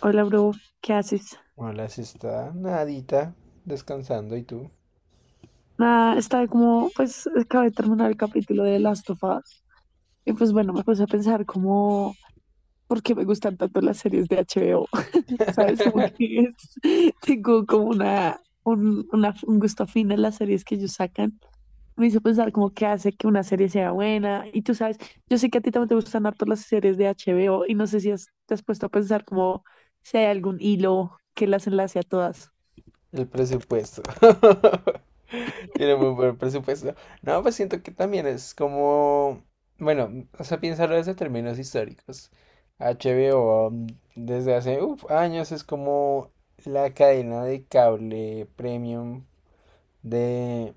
Hola, bro, ¿qué haces? Hola, si está nadita, descansando, ¿y tú? Nada, estaba como, pues, acabé de terminar el capítulo de Last of Us. Y pues bueno, me puse a pensar como, ¿por qué me gustan tanto las series de HBO? ¿Sabes? Como que es- tengo como un gusto afín en las series que ellos sacan. Me hizo pensar como qué hace que una serie sea buena. Y tú sabes, yo sé que a ti también te gustan harto las series de HBO y no sé si te has puesto a pensar como si hay algún hilo que las enlace a todas. El presupuesto. Tiene muy buen presupuesto. No, pues siento que también es como, bueno, o sea, piénsalo desde términos históricos. HBO desde hace años es como la cadena de cable premium de,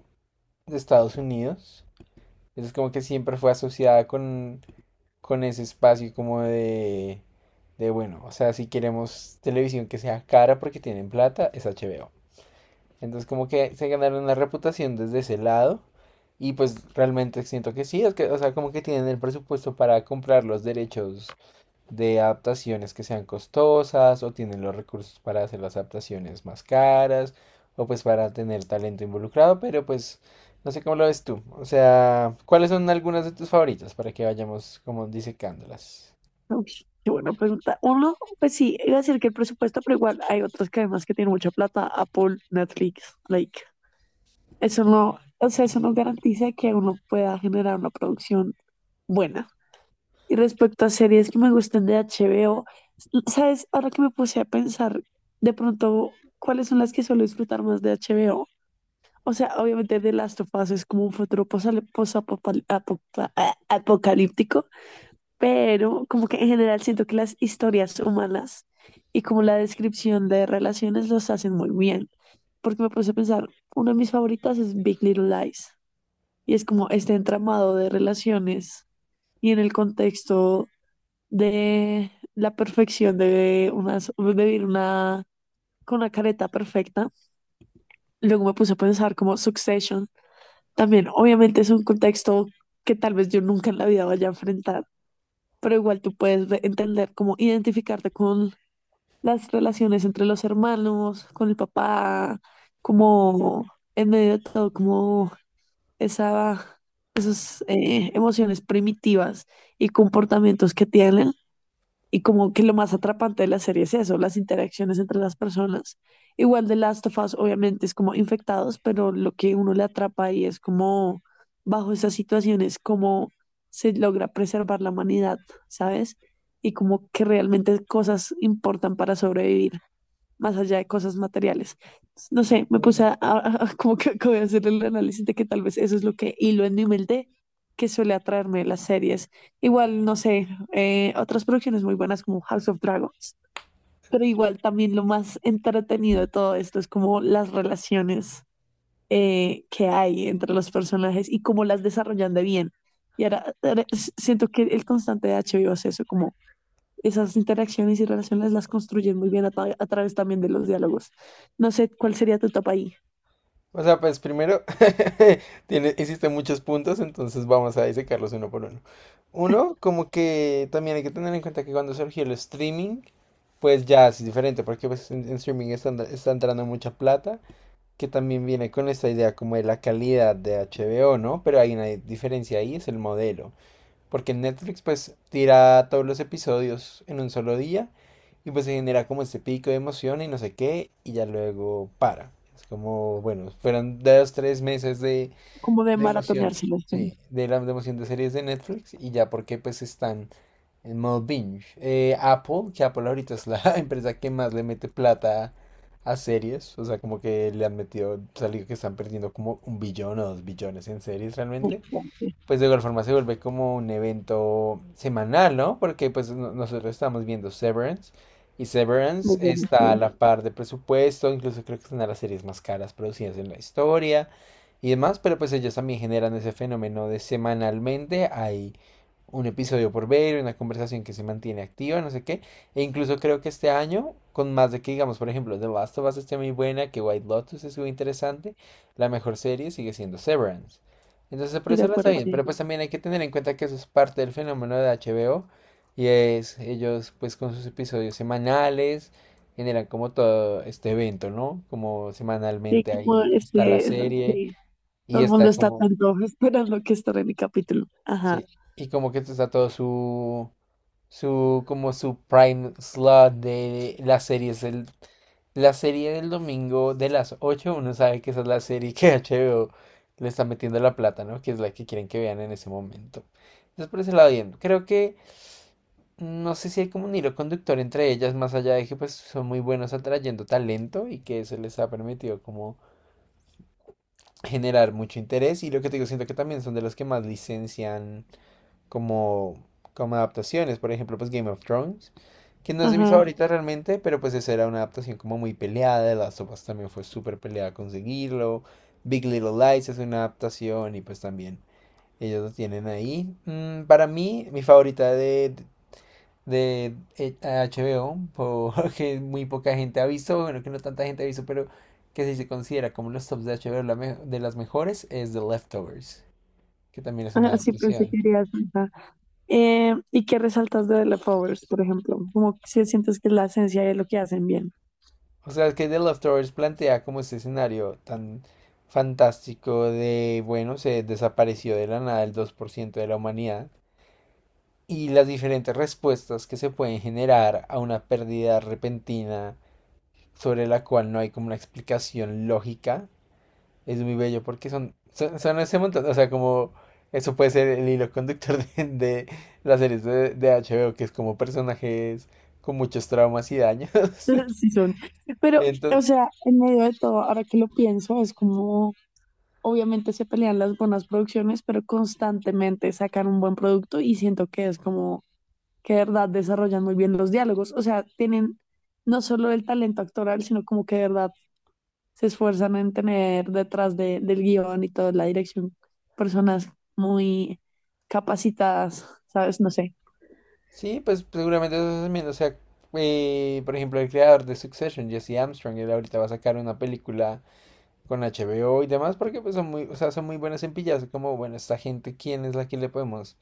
de Estados Unidos. Es como que siempre fue asociada con ese espacio como de, bueno, o sea, si queremos televisión que sea cara porque tienen plata, es HBO. Entonces como que se ganaron la reputación desde ese lado y pues realmente siento que sí, es que, o sea, como que tienen el presupuesto para comprar los derechos de adaptaciones que sean costosas o tienen los recursos para hacer las adaptaciones más caras o pues para tener talento involucrado, pero pues no sé cómo lo ves tú. O sea, ¿cuáles son algunas de tus favoritas para que vayamos como disecándolas? Uy, qué buena pregunta. Uno, pues sí, iba a decir que el presupuesto, pero igual hay otras cadenas que tienen mucha plata, Apple, Netflix, like, eso no, o sea, eso no garantiza que uno pueda generar una producción buena. Y respecto a series que me gustan de HBO, ¿sabes? Ahora que me puse a pensar, de pronto, ¿cuáles son las que suelo disfrutar más de HBO? O sea, obviamente The Last of Us es como un futuro apocalíptico, pero como que en general siento que las historias humanas y como la descripción de relaciones los hacen muy bien, porque me puse a pensar, una de mis favoritas es Big Little Lies, y es como este entramado de relaciones y en el contexto de la perfección de vivir una, con una careta perfecta. Luego me puse a pensar como Succession, también obviamente es un contexto que tal vez yo nunca en la vida vaya a enfrentar pero igual tú puedes entender cómo identificarte con las relaciones entre los hermanos, con el papá, como en medio de todo, como esa, esas emociones primitivas y comportamientos que tienen. Y como que lo más atrapante de la serie es eso, las interacciones entre las personas. Igual de Last of Us, obviamente, es como infectados, pero lo que uno le atrapa ahí es como, bajo esas situaciones, cómo se logra preservar la humanidad, ¿sabes? Y como que realmente cosas importan para sobrevivir más allá de cosas materiales. No sé, me puse a como que acabé de hacer el análisis de que tal vez eso es lo que hilo en mi humildad que suele atraerme las series. Igual, no sé, otras producciones muy buenas como House of Dragons, pero igual también lo más entretenido de todo esto es como las relaciones que hay entre los personajes y cómo las desarrollan de bien. Y ahora siento que el constante de HBO es eso, como esas interacciones y relaciones las construyen muy bien a través también de los diálogos. No sé cuál sería tu etapa ahí, O sea, pues primero, existen muchos puntos, entonces vamos a disecarlos uno por uno. Uno, como que también hay que tener en cuenta que cuando surgió el streaming, pues ya es diferente, porque pues en streaming está entrando mucha plata que también viene con esta idea como de la calidad de HBO, ¿no? Pero hay una diferencia ahí, es el modelo. Porque en Netflix pues tira todos los episodios en un solo día y pues se genera como este pico de emoción y no sé qué y ya luego para. Es como, bueno, fueron dos, tres meses de como de de emoción, maratoneárselas. Con- sí, de emoción de series de Netflix y ya porque pues están en modo binge. Apple ahorita es la empresa que más le mete plata a series, o sea, como que le han metido, salido que están perdiendo como un billón o dos billones en series realmente bastante, pues de igual forma se vuelve como un evento semanal, ¿no? Porque pues nosotros estamos viendo Severance y Severance muy bueno, está a sí, la par de presupuesto, incluso creo que es una de las series más caras producidas en la historia y demás, pero pues ellos también generan ese fenómeno de semanalmente hay un episodio por ver, una conversación que se mantiene activa, no sé qué, e incluso creo que este año, con más de que digamos, por ejemplo, The Last of Us esté muy buena, que White Lotus es muy interesante, la mejor serie sigue siendo Severance. Entonces, por estoy de eso no está acuerdo, bien, sí. pero pues también hay que tener en cuenta que eso es parte del fenómeno de HBO y es ellos pues con sus episodios semanales generan como todo este evento, ¿no? Como Sí, semanalmente como ahí está la este, serie sí, y todo el mundo está está como, tanto esperando que estaré mi capítulo. Ajá, sí, y como que está todo su, como su prime slot de las series del La serie del domingo de las 8 uno sabe que esa es la serie que HBO le está metiendo la plata, ¿no? Que es la que quieren que vean en ese momento. Entonces por ese lado bien. Creo que no sé si hay como un hilo conductor entre ellas, más allá de que pues son muy buenos atrayendo talento y que eso les ha permitido como generar mucho interés. Y lo que te digo, siento que también son de los que más licencian como, como adaptaciones. Por ejemplo, pues Game of Thrones, que no es de mis ajá, favoritas realmente, pero pues esa era una adaptación como muy peleada. The Last of Us también fue súper peleada conseguirlo. Big Little Lies es una adaptación y pues también ellos lo tienen ahí. Para mí, mi favorita de HBO, porque muy poca gente ha visto, bueno, que no tanta gente ha visto, pero que si se considera como los tops de HBO de las mejores, es The Leftovers, que también es una ajá, sí pensé adaptación. que irías por esa. ¿Y qué resaltas de The Leftovers, por ejemplo? Como si sientes que es la esencia de lo que hacen bien. O sea, que The Leftovers plantea como este escenario tan fantástico de, bueno, se desapareció de la nada el 2% de la humanidad y las diferentes respuestas que se pueden generar a una pérdida repentina sobre la cual no hay como una explicación lógica. Es muy bello porque son ese montón, o sea, como eso puede ser el hilo conductor de las series de HBO, que es como personajes con muchos traumas y daños. Sí son. Pero, o Ento- sea, en medio de todo, ahora que lo pienso, es como, obviamente se pelean las buenas producciones, pero constantemente sacan un buen producto y siento que es como que de verdad desarrollan muy bien los diálogos. O sea, tienen no solo el talento actoral, sino como que de verdad se esfuerzan en tener detrás del guión y toda la dirección personas muy capacitadas, ¿sabes? No sé. Sí, pues seguramente eso también, o sea, por ejemplo, el creador de Succession, Jesse Armstrong, él ahorita va a sacar una película con HBO y demás, porque pues son muy, o sea, son muy buenas en pillarse, como, bueno, esta gente, ¿quién es la que le podemos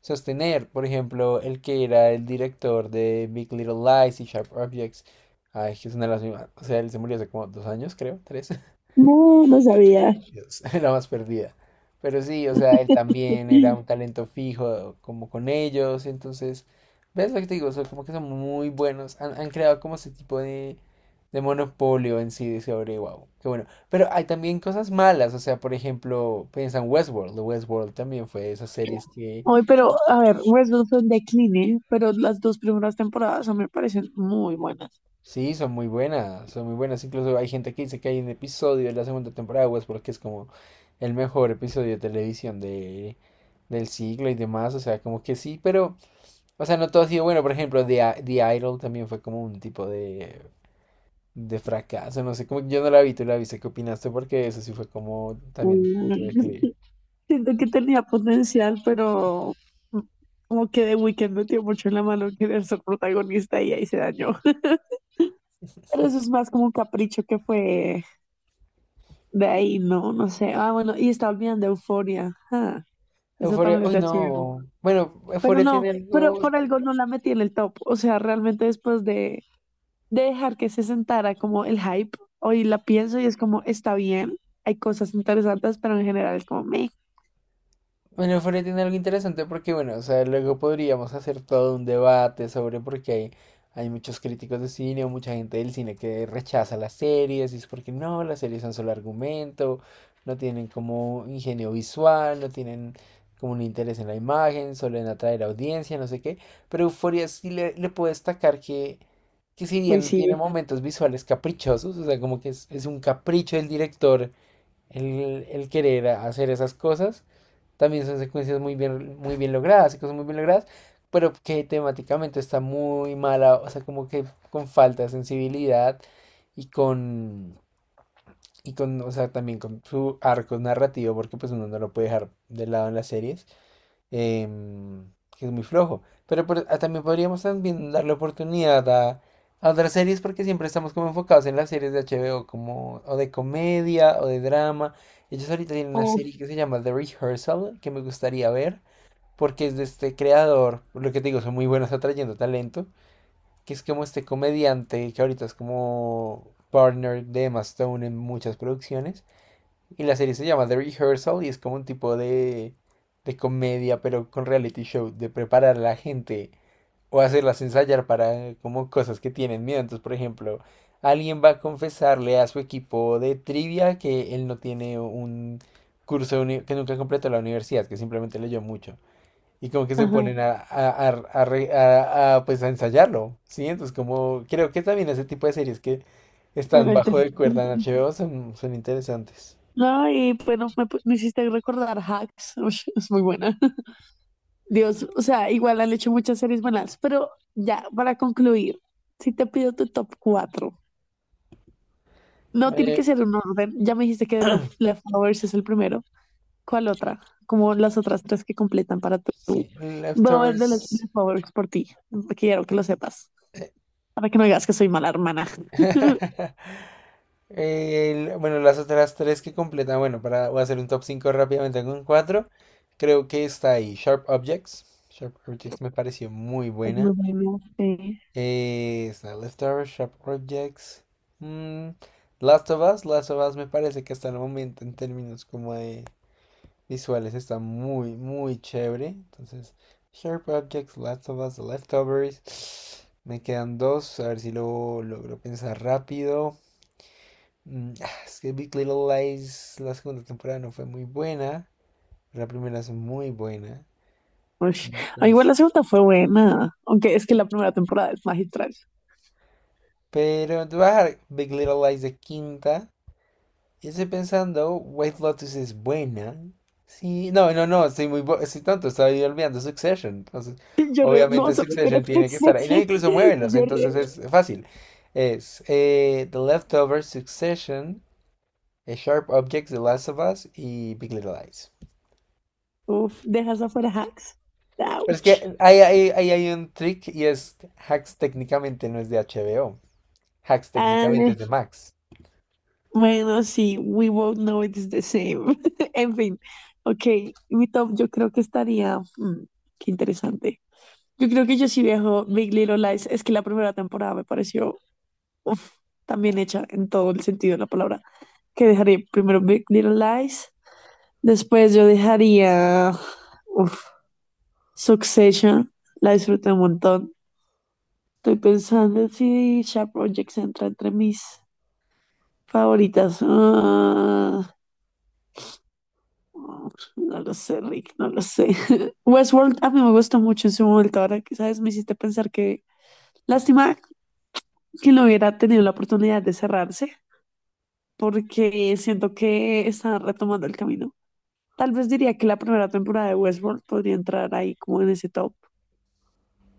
sostener? Por ejemplo, el que era el director de Big Little Lies y Sharp Objects, ay, que es una de las mismas, o sea, él se murió hace como 2 años, creo, tres. No, no sabía. La más perdida. Pero sí, o sea, él también era un talento fijo como con ellos, entonces, ¿ves lo que te digo? O sea, como que son muy buenos, han creado como ese tipo de monopolio en sí de sobre wow, qué bueno. Pero hay también cosas malas, o sea, por ejemplo, piensa en Westworld también fue de esas series que Hoy, pero a ver, Westworld fue un decline, pero las dos primeras temporadas a mí me parecen muy buenas. sí, son muy buenas, incluso hay gente que dice que hay un episodio de la segunda temporada de Westworld que es como el mejor episodio de televisión del siglo y demás, o sea, como que sí, pero... O sea, no todo ha sido bueno. Por ejemplo, The Idol también fue como un tipo de fracaso. No sé, como que yo no la vi, tú la viste. ¿Qué opinaste? Porque eso sí fue como también un Mm, punto de declive. Siento que tenía potencial, pero mm, como que The Weeknd metió mucho en la mano querer ser protagonista y ahí se dañó. Pero eso es más como un capricho que fue de ahí, ¿no? No sé. Ah, bueno, y estaba olvidando Euforia. Ah, eso Euphoria, también es uy, de HBO. no. Bueno, Pero Euphoria no, tiene pero algo. por algo no la metí en el top. O sea, realmente después de dejar que se sentara como el hype. Hoy la pienso y es como, está bien, hay cosas interesantes, pero en general es como, me. Bueno, Fred tiene algo interesante porque, bueno, o sea, luego podríamos hacer todo un debate sobre por qué hay muchos críticos de cine o mucha gente del cine que rechaza las series y es porque no, las series son solo argumento, no tienen como ingenio visual, no tienen como un interés en la imagen, solo en atraer audiencia, no sé qué. Pero Euphoria sí le puedo destacar que si Uy, bien tiene sí. momentos visuales caprichosos, o sea, como que es un capricho del director el querer hacer esas cosas también son secuencias muy bien logradas, y cosas muy bien logradas, pero que temáticamente está muy mala, o sea, como que con falta de sensibilidad y con, y con, o sea, también con su arco narrativo, porque pues uno no lo puede dejar de lado en las series em, que es muy flojo. Pero ah, también podríamos también darle oportunidad a otras series porque siempre estamos como enfocados en las series de HBO como o de comedia o de drama. Ellos ahorita tienen una Oh, serie que se llama The Rehearsal que me gustaría ver porque es de este creador, lo que te digo, son muy buenos atrayendo talento, que es como este comediante que ahorita es como partner de Emma Stone en muchas producciones. Y la serie se llama The Rehearsal y es como un tipo de comedia, pero con reality show, de preparar a la gente o hacerlas ensayar para como cosas que tienen miedo. Entonces, por ejemplo, alguien va a confesarle a su equipo de trivia que él no tiene que nunca completó la universidad, que simplemente leyó mucho. Y como que se ajá. ponen a, pues a ensayarlo, ¿sí? Entonces como creo que también ese tipo de series que en están el bajo tele- de cuerda en HBO son interesantes. No, y bueno, me hiciste recordar Hacks, ush, es muy buena. Dios, o sea, igual han hecho muchas series buenas, pero ya, para concluir, si te pido tu top 4 no tiene que Eh, ser un orden, ya me dijiste que Leftovers es el primero. ¿Cuál otra? Como las otras tres que completan para tu. Sí, Voy a ver de los Leftovers. de favoritos por ti. Quiero que lo sepas. eh, Para que no digas que soy mala hermana. bueno, las otras tres que completan, bueno, para voy a hacer un top 5 rápidamente con cuatro. Creo que está ahí Sharp Objects. Sharp Objects me pareció muy Es muy buena. buena. Sí. Está Leftovers, Sharp Objects. mm, Last of Us. Last of Us me parece que hasta el momento en términos como de visuales. Está muy, muy chévere. Entonces, Sharp Objects, Last of Us, The Leftovers. Me quedan dos, a ver si lo logro pensar rápido. Ah, es que Big Little Lies, la segunda temporada no fue muy buena. La primera es muy buena. Ush. Ah, igual Entonces, la segunda fue buena. Aunque es que la primera temporada es magistral. pero te voy a dejar Big Little Lies de quinta. Y estoy pensando, White Lotus es buena. Sí, no, no, no, estoy tonto, estaba yo olvidando Succession. Entonces, Yo re. No obviamente vas a meter a Succession tiene que estar ahí. No, Succession. incluso muévelos, Yo entonces re. es fácil. Es The Leftovers, Succession, Sharp Objects, The Last of Us y Big Little Lies. Uf, dejas afuera hacks. Pero es Ouch. que ahí hay un trick y es Hacks técnicamente no es de HBO. Hacks técnicamente Ah, es de Max. bueno, sí. We both know it's the same. En fin. Ok. Mi top yo creo que estaría. Qué interesante. Yo creo que yo sí viajo Big Little Lies. Es que la primera temporada me pareció uf, tan bien hecha en todo el sentido de la palabra. Que dejaría primero Big Little Lies. Después yo dejaría uf, Succession. La disfruté un montón. Estoy pensando si Sharp Objects entra entre mis favoritas. Ah, no lo sé, Rick, no lo sé. Westworld a mí me gustó mucho en su momento. Ahora que sabes, me hiciste pensar que. Lástima que no hubiera tenido la oportunidad de cerrarse, porque siento que están retomando el camino. Tal vez diría que la primera temporada de Westworld podría entrar ahí como en ese top.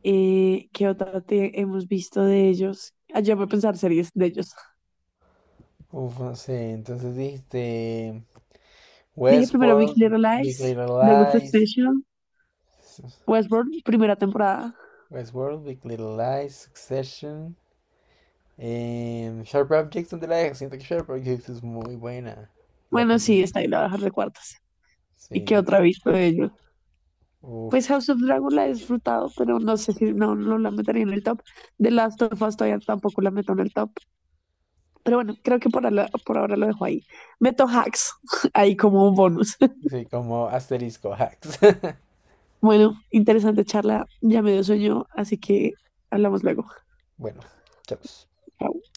¿Qué otra te hemos visto de ellos? Ayer voy a pensar series de ellos. Uf, no sé, entonces dijiste Dije primero Big Westworld, Little Big Lies, Little The Lies. Succession, Westworld, primera temporada. Westworld, Big Little Lies, Succession, Sharp Objects, ¿dónde la dejas? Siento que Sharp Objects es muy buena. La Bueno, pasé. sí, está ahí, la voy a dejar de cuartas. ¿Y Sí. qué otra he visto de ellos? Uf. Pues House of Dragon la he disfrutado, pero no sé si no, no la metería en el top. The Last of Us todavía tampoco la meto en el top. Pero bueno, creo que por ahora lo dejo ahí. Meto hacks ahí como un bonus. Sí, como asterisco hacks. Bueno, interesante charla. Ya me dio sueño, así que hablamos luego. Bueno, chao. Chao.